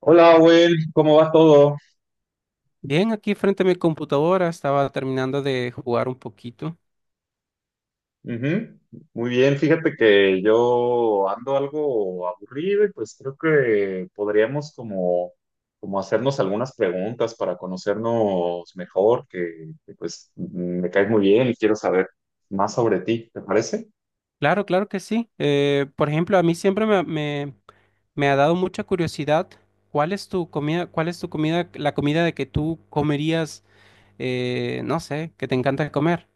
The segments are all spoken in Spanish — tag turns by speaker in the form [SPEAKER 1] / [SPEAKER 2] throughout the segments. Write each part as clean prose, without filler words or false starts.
[SPEAKER 1] Hola, Owen, ¿cómo va todo?
[SPEAKER 2] Bien, aquí frente a mi computadora estaba terminando de jugar un poquito.
[SPEAKER 1] Ujú. Muy bien, fíjate que yo ando algo aburrido y pues creo que podríamos como hacernos algunas preguntas para conocernos mejor, pues me caes muy bien y quiero saber más sobre ti, ¿te parece?
[SPEAKER 2] Claro, claro que sí. Por ejemplo, a mí siempre me ha dado mucha curiosidad cuál es tu comida, la comida de que tú comerías, no sé, que te encanta comer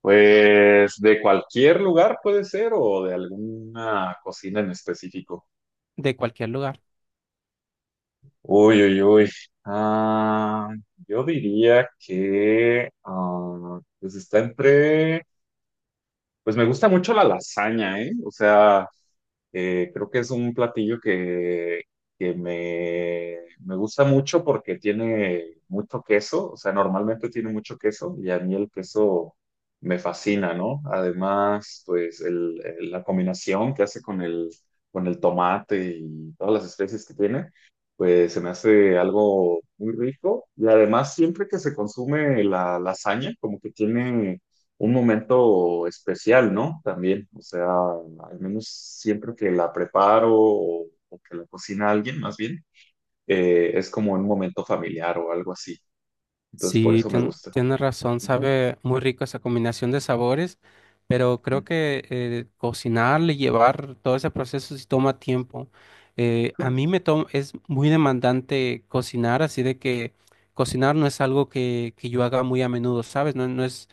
[SPEAKER 1] Pues de cualquier lugar puede ser o de alguna cocina en específico.
[SPEAKER 2] de cualquier lugar.
[SPEAKER 1] Uy, uy, uy. Ah, yo diría que pues está entre. Pues me gusta mucho la lasaña, ¿eh? O sea, creo que es un platillo que, me gusta mucho porque tiene mucho queso, o sea, normalmente tiene mucho queso y a mí el queso me fascina, ¿no? Además, pues la combinación que hace con el tomate y todas las especies que tiene, pues se me hace algo muy rico y además siempre que se consume la lasaña, como que tiene un momento especial, ¿no? También, o sea, al menos siempre que la preparo o que la cocina alguien, más bien, es como un momento familiar o algo así. Entonces, por
[SPEAKER 2] Sí,
[SPEAKER 1] eso me gusta.
[SPEAKER 2] tienes razón,
[SPEAKER 1] Ujú.
[SPEAKER 2] sabe muy rico esa combinación de sabores, pero creo
[SPEAKER 1] Ujú.
[SPEAKER 2] que cocinarle, llevar todo ese proceso sí toma tiempo. A mí me toma, es muy demandante cocinar, así de que cocinar no es algo que yo haga muy a menudo, ¿sabes? No,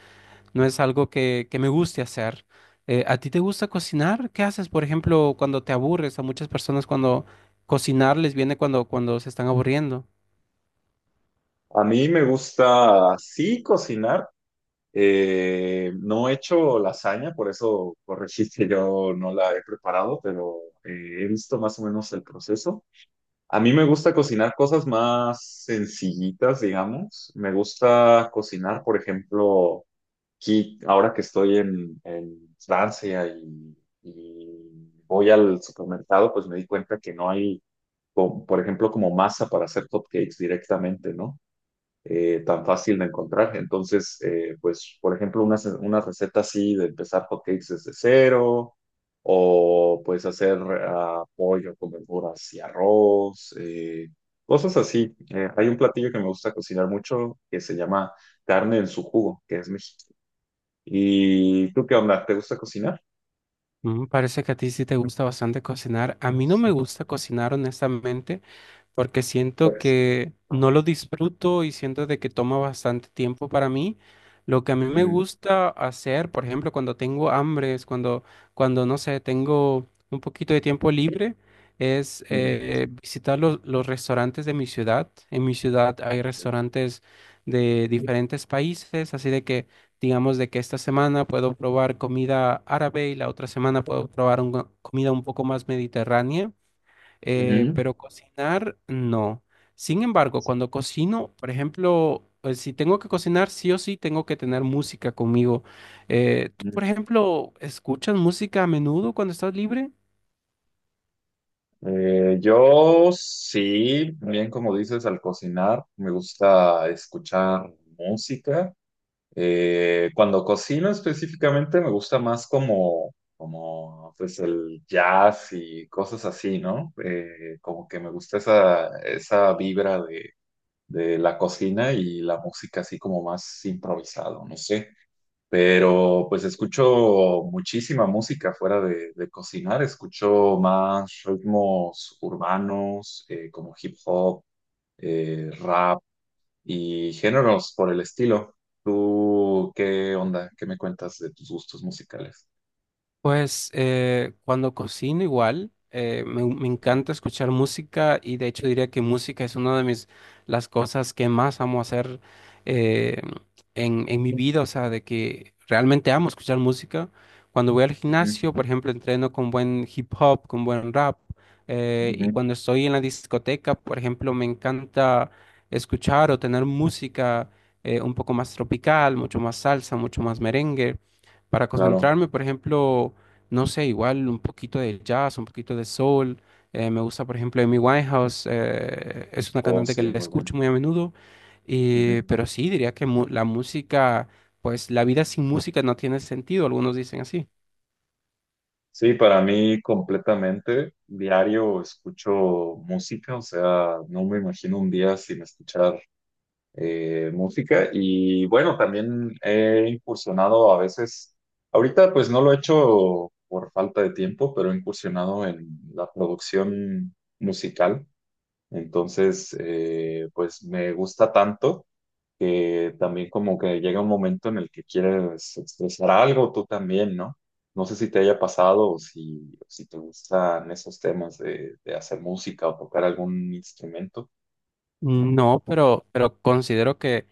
[SPEAKER 2] no es algo que me guste hacer. ¿A ti te gusta cocinar? ¿Qué haces, por ejemplo, cuando te aburres? A muchas personas cuando cocinar les viene cuando se están aburriendo.
[SPEAKER 1] A mí me gusta, sí, cocinar. No he hecho lasaña, por eso corregiste, yo no la he preparado, pero he visto más o menos el proceso. A mí me gusta cocinar cosas más sencillitas, digamos. Me gusta cocinar, por ejemplo, aquí, ahora que estoy en Francia y voy al supermercado, pues me di cuenta que no hay, por ejemplo, como masa para hacer cupcakes directamente, ¿no? Tan fácil de encontrar. Entonces, pues, por ejemplo, una receta así de empezar hotcakes desde cero, o pues hacer pollo con verduras y arroz, cosas así. Hay un platillo que me gusta cocinar mucho que se llama carne en su jugo, que es mexicano. ¿Y tú qué onda? ¿Te gusta cocinar?
[SPEAKER 2] Mm, parece que a ti sí te gusta bastante cocinar. A mí no me gusta cocinar, honestamente porque siento
[SPEAKER 1] Pues.
[SPEAKER 2] que
[SPEAKER 1] ah,
[SPEAKER 2] no lo disfruto y siento de que toma bastante tiempo para mí. Lo que a mí me
[SPEAKER 1] Ujú,
[SPEAKER 2] gusta hacer, por ejemplo, cuando tengo hambre, es cuando no sé, tengo un poquito de tiempo libre, es
[SPEAKER 1] ujú,
[SPEAKER 2] visitar los restaurantes de mi ciudad. En mi ciudad hay restaurantes de diferentes países, así de que, digamos, de que esta semana puedo probar comida árabe y la otra semana puedo probar comida un poco más mediterránea.
[SPEAKER 1] ujú,
[SPEAKER 2] Pero cocinar, no. Sin embargo, cuando cocino, por ejemplo, si tengo que cocinar, sí o sí tengo que tener música conmigo. ¿Tú,
[SPEAKER 1] ujú.
[SPEAKER 2] por ejemplo, escuchas música a menudo cuando estás libre?
[SPEAKER 1] Yo sí, bien como dices, al cocinar me gusta escuchar música. Cuando cocino específicamente me gusta más como pues el jazz y cosas así, ¿no? Como que me gusta esa vibra de la cocina y la música así como más improvisado, no sé, pero pues escucho muchísima música fuera de cocinar, escucho más ritmos urbanos como hip hop, rap y géneros por el estilo. ¿Tú qué onda? ¿Qué me cuentas de tus gustos musicales?
[SPEAKER 2] Pues cuando cocino igual, me encanta escuchar música y de hecho diría que música es una de mis, las cosas que más amo hacer eh, en mi vida, o sea, de que realmente amo escuchar música. Cuando voy al
[SPEAKER 1] Ujú,
[SPEAKER 2] gimnasio, por ejemplo, entreno con buen hip hop, con buen rap, y
[SPEAKER 1] ujú,
[SPEAKER 2] cuando estoy en la discoteca, por ejemplo, me encanta escuchar o tener música un poco más tropical, mucho más salsa, mucho más merengue para
[SPEAKER 1] claro,
[SPEAKER 2] concentrarme, por ejemplo, no sé, igual un poquito de jazz, un poquito de soul. Me gusta, por ejemplo, Amy Winehouse, es una
[SPEAKER 1] oh
[SPEAKER 2] cantante que
[SPEAKER 1] sí,
[SPEAKER 2] la
[SPEAKER 1] muy bueno.
[SPEAKER 2] escucho muy a menudo,
[SPEAKER 1] Ujú.
[SPEAKER 2] pero sí, diría que la música, pues la vida sin música no tiene sentido, algunos dicen así.
[SPEAKER 1] Sí, para mí completamente diario escucho música, o sea, no me imagino un día sin escuchar música, y bueno, también he incursionado a veces, ahorita pues no lo he hecho por falta de tiempo, pero he incursionado en la producción musical, entonces pues me gusta tanto que también como que llega un momento en el que quieres expresar algo tú también, ¿no? No sé si te haya pasado o si te gustan esos temas de hacer música o tocar algún instrumento.
[SPEAKER 2] No, pero considero que,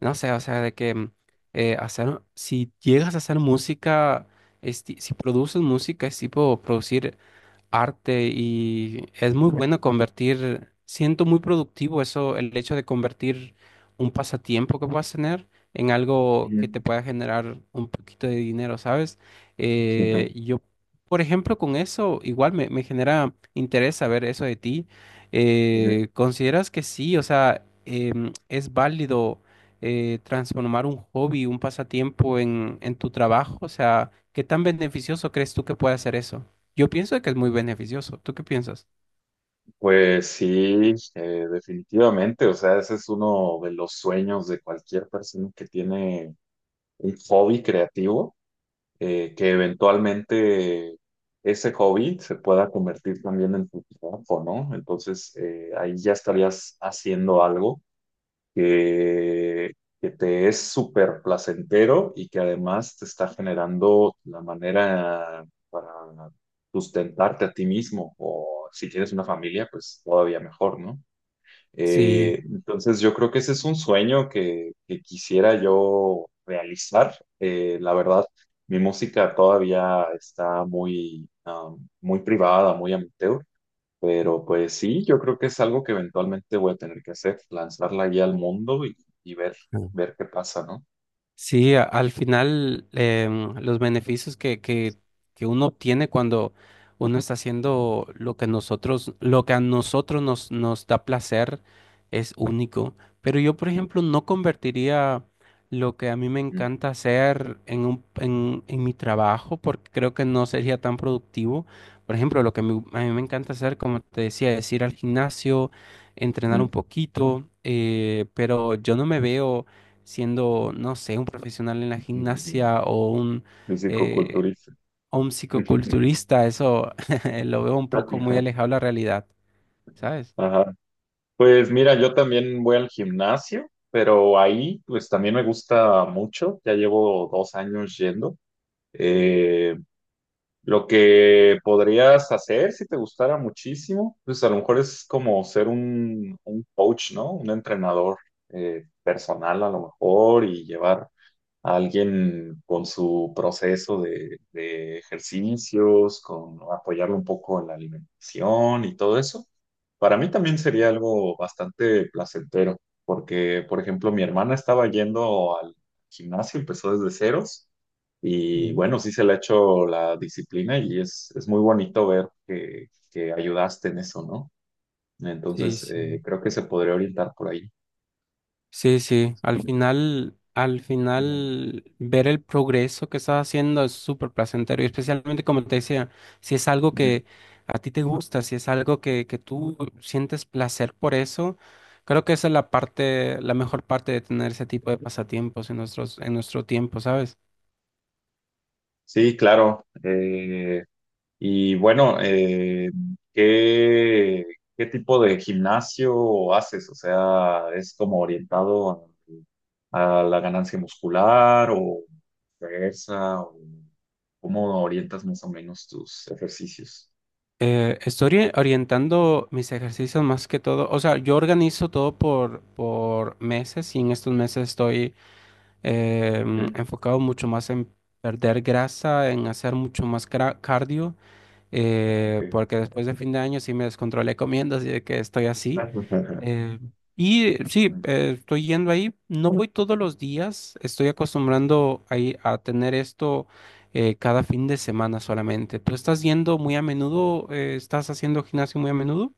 [SPEAKER 2] no sé, o sea, de que hacer, si llegas a hacer música, es si produces música, es tipo producir arte y es muy bueno convertir, siento muy productivo eso, el hecho de convertir un pasatiempo que puedas tener en algo que te
[SPEAKER 1] Ujú.
[SPEAKER 2] pueda generar un poquito de dinero, ¿sabes? Yo, por ejemplo, con eso igual me genera interés saber eso de ti. ¿Consideras que sí? O sea, ¿es válido transformar un hobby, un pasatiempo en tu trabajo? O sea, ¿qué tan beneficioso crees tú que puede ser eso? Yo pienso que es muy beneficioso. ¿Tú qué piensas?
[SPEAKER 1] Pues sí, definitivamente. O sea, ese es uno de los sueños de cualquier persona que tiene un hobby creativo, que eventualmente ese hobby se pueda convertir también en tu trabajo, ¿no? Entonces, ahí ya estarías haciendo algo que, que te es súper placentero y que además te está generando la manera para sustentarte a ti mismo o si tienes una familia, pues todavía mejor, ¿no?
[SPEAKER 2] Sí.
[SPEAKER 1] Entonces yo creo que ese es un sueño que quisiera yo realizar. La verdad, mi música todavía está muy privada, muy amateur. Pero pues sí, yo creo que es algo que eventualmente voy a tener que hacer, lanzar la guía al mundo y ver, qué pasa, ¿no?
[SPEAKER 2] Sí, al final los beneficios que uno obtiene cuando uno está haciendo lo que nosotros, lo que a nosotros nos da placer es único. Pero yo, por ejemplo, no convertiría lo que a mí me
[SPEAKER 1] Ujú.
[SPEAKER 2] encanta hacer en en mi trabajo porque creo que no sería tan productivo. Por ejemplo, lo que a mí me encanta hacer, como te decía, es ir al gimnasio, entrenar un poquito, pero yo no me veo siendo, no sé, un profesional en la gimnasia eh,
[SPEAKER 1] Fisicoculturista.
[SPEAKER 2] o un psicoculturista, eso lo veo un poco muy alejado de la realidad, ¿sabes?
[SPEAKER 1] Ajá. Pues mira, yo también voy al gimnasio, pero ahí pues también me gusta mucho, ya llevo dos años yendo. Eh, Lo que podrías hacer si te gustara muchísimo, pues a lo mejor es como ser un coach, ¿no? Un entrenador personal a lo mejor y llevar alguien con su proceso de ejercicios, con apoyarlo un poco en la alimentación y todo eso, para mí también sería algo bastante placentero, porque, por ejemplo, mi hermana estaba yendo al gimnasio, empezó desde ceros, y
[SPEAKER 2] Mm.
[SPEAKER 1] bueno, sí se le ha hecho la disciplina y es muy bonito ver que ayudaste en eso, ¿no?
[SPEAKER 2] Sí,
[SPEAKER 1] Entonces,
[SPEAKER 2] sí.
[SPEAKER 1] creo que se podría orientar por ahí.
[SPEAKER 2] Sí, sí, al
[SPEAKER 1] Ujú.
[SPEAKER 2] final ver el progreso que estás haciendo es súper placentero y especialmente como te decía, si es algo
[SPEAKER 1] Ujú.
[SPEAKER 2] que a ti te gusta, si es algo que tú sientes placer por eso, creo que esa es la parte, la mejor parte de tener ese tipo de pasatiempos en en nuestro tiempo, ¿sabes?
[SPEAKER 1] Sí, claro. Y bueno, ¿qué, qué tipo de gimnasio haces? O sea, ¿es como orientado a la ganancia muscular o fuerza? O ¿cómo orientas más o menos tus ejercicios?
[SPEAKER 2] Estoy orientando mis ejercicios más que todo. O sea, yo organizo todo por meses y en estos meses estoy
[SPEAKER 1] Ujú.
[SPEAKER 2] enfocado mucho más en perder grasa, en hacer mucho más cardio,
[SPEAKER 1] Ah, ok.
[SPEAKER 2] porque después de fin de año sí me descontrolé comiendo, así de que estoy así. Eh, y sí, estoy yendo ahí. No voy todos los días. Estoy acostumbrando ahí a tener esto cada fin de semana solamente. ¿Tú estás yendo muy a menudo? ¿Estás haciendo gimnasio muy a menudo?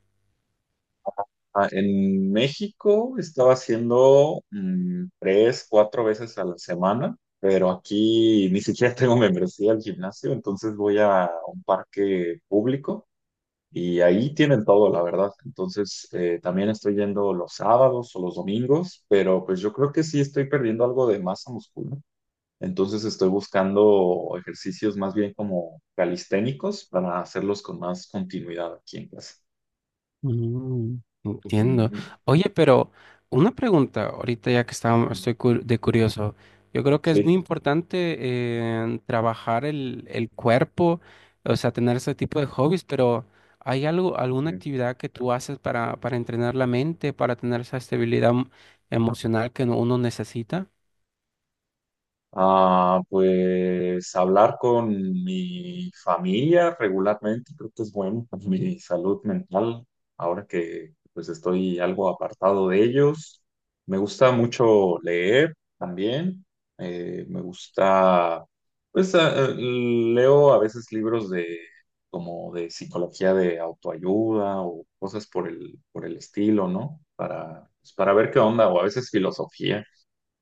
[SPEAKER 1] En México estaba haciendo tres, cuatro veces a la semana, pero aquí ni siquiera tengo membresía al gimnasio, entonces voy a un parque público y ahí tienen todo, la verdad. Entonces también estoy yendo los sábados o los domingos, pero pues yo creo que sí estoy perdiendo algo de masa muscular. Entonces estoy buscando ejercicios más bien como calisténicos para hacerlos con más continuidad aquí en casa.
[SPEAKER 2] Mm, entiendo.
[SPEAKER 1] Ujú,
[SPEAKER 2] Oye, pero una pregunta, ahorita ya que estamos,
[SPEAKER 1] ujú.
[SPEAKER 2] estoy de curioso, yo creo que es muy
[SPEAKER 1] Sí.
[SPEAKER 2] importante trabajar el cuerpo, o sea, tener ese tipo de hobbies, pero ¿hay algo, alguna actividad que tú haces para entrenar la mente, para tener esa estabilidad emocional que uno necesita?
[SPEAKER 1] Pues hablar con mi familia regularmente creo que es bueno para mi salud mental. Ahora que pues estoy algo apartado de ellos, me gusta mucho leer también. Me gusta, pues leo a veces libros de como de psicología de autoayuda o cosas por el estilo, ¿no? Para pues, para ver qué onda o a veces filosofía,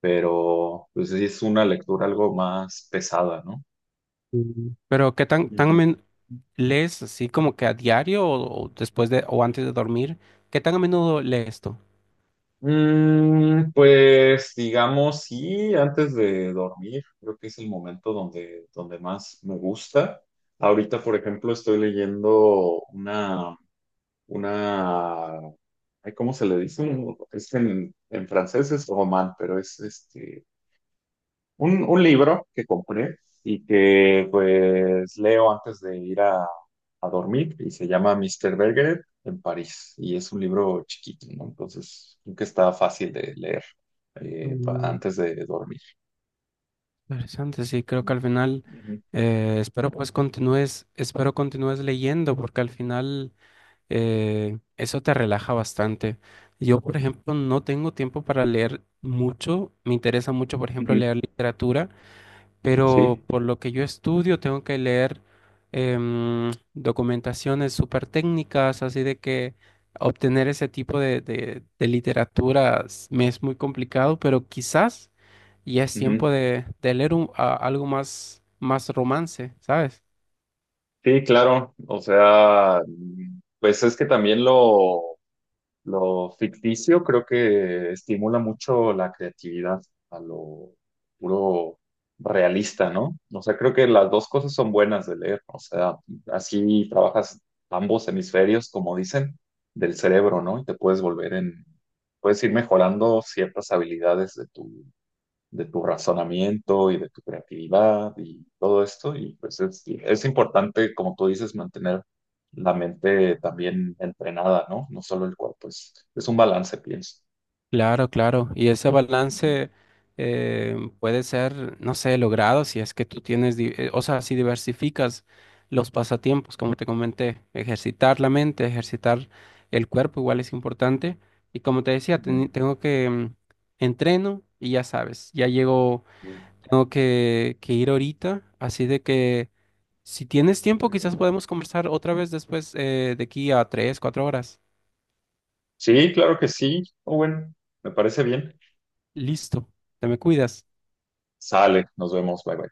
[SPEAKER 1] pero pues sí es una lectura algo más pesada, ¿no?
[SPEAKER 2] Mm. Pero ¿qué tan,
[SPEAKER 1] Ujú.
[SPEAKER 2] lees así como que a diario o después de o antes de dormir? ¿Qué tan a menudo lees tú?
[SPEAKER 1] Pues digamos, sí, antes de dormir, creo que es el momento donde más me gusta. Ahorita, por ejemplo, estoy leyendo una, ay, ¿cómo se le dice? Es en francés es román, pero es este, un libro que compré y que pues leo antes de ir a dormir y se llama Mister Bergeret en París y es un libro chiquito, ¿no? Entonces creo que está fácil de leer antes de dormir.
[SPEAKER 2] Interesante, sí, creo que al final
[SPEAKER 1] Ujú,
[SPEAKER 2] espero pues continúes, espero continúes leyendo porque al final eso te relaja bastante. Yo, por ejemplo, no tengo tiempo para leer mucho, me interesa mucho, por ejemplo,
[SPEAKER 1] ujú,
[SPEAKER 2] leer literatura, pero
[SPEAKER 1] sí,
[SPEAKER 2] por lo que yo estudio tengo que leer documentaciones súper técnicas, así de que obtener ese tipo de, de literaturas me es muy complicado, pero quizás ya es
[SPEAKER 1] ujú.
[SPEAKER 2] tiempo de leer algo más, más romance, ¿sabes?
[SPEAKER 1] Sí, claro. O sea, pues es que también lo ficticio creo que estimula mucho la creatividad a lo puro realista, ¿no? O sea, creo que las dos cosas son buenas de leer. O sea, así trabajas ambos hemisferios, como dicen, del cerebro, ¿no? Y te puedes puedes ir mejorando ciertas habilidades de tu razonamiento y de tu creatividad y todo esto. Y pues es importante, como tú dices, mantener la mente también entrenada, ¿no? No solo el cuerpo, es un balance, pienso.
[SPEAKER 2] Claro, claro. Y ese
[SPEAKER 1] Ujú,
[SPEAKER 2] balance eh, puede ser, no sé, logrado si es que tú tienes, o sea, si diversificas los pasatiempos, como te comenté, ejercitar la mente, ejercitar el cuerpo igual es importante. Y como te decía,
[SPEAKER 1] ujú,
[SPEAKER 2] tengo que entreno y ya sabes, ya llego, tengo que ir ahorita, así de que si tienes tiempo,
[SPEAKER 1] ujú, ujú.
[SPEAKER 2] quizás podemos conversar otra vez después de aquí a 3, 4 horas.
[SPEAKER 1] Sí, claro que sí. Owen, me parece bien.
[SPEAKER 2] Listo, te me cuidas.
[SPEAKER 1] Sale, nos vemos, bye bye.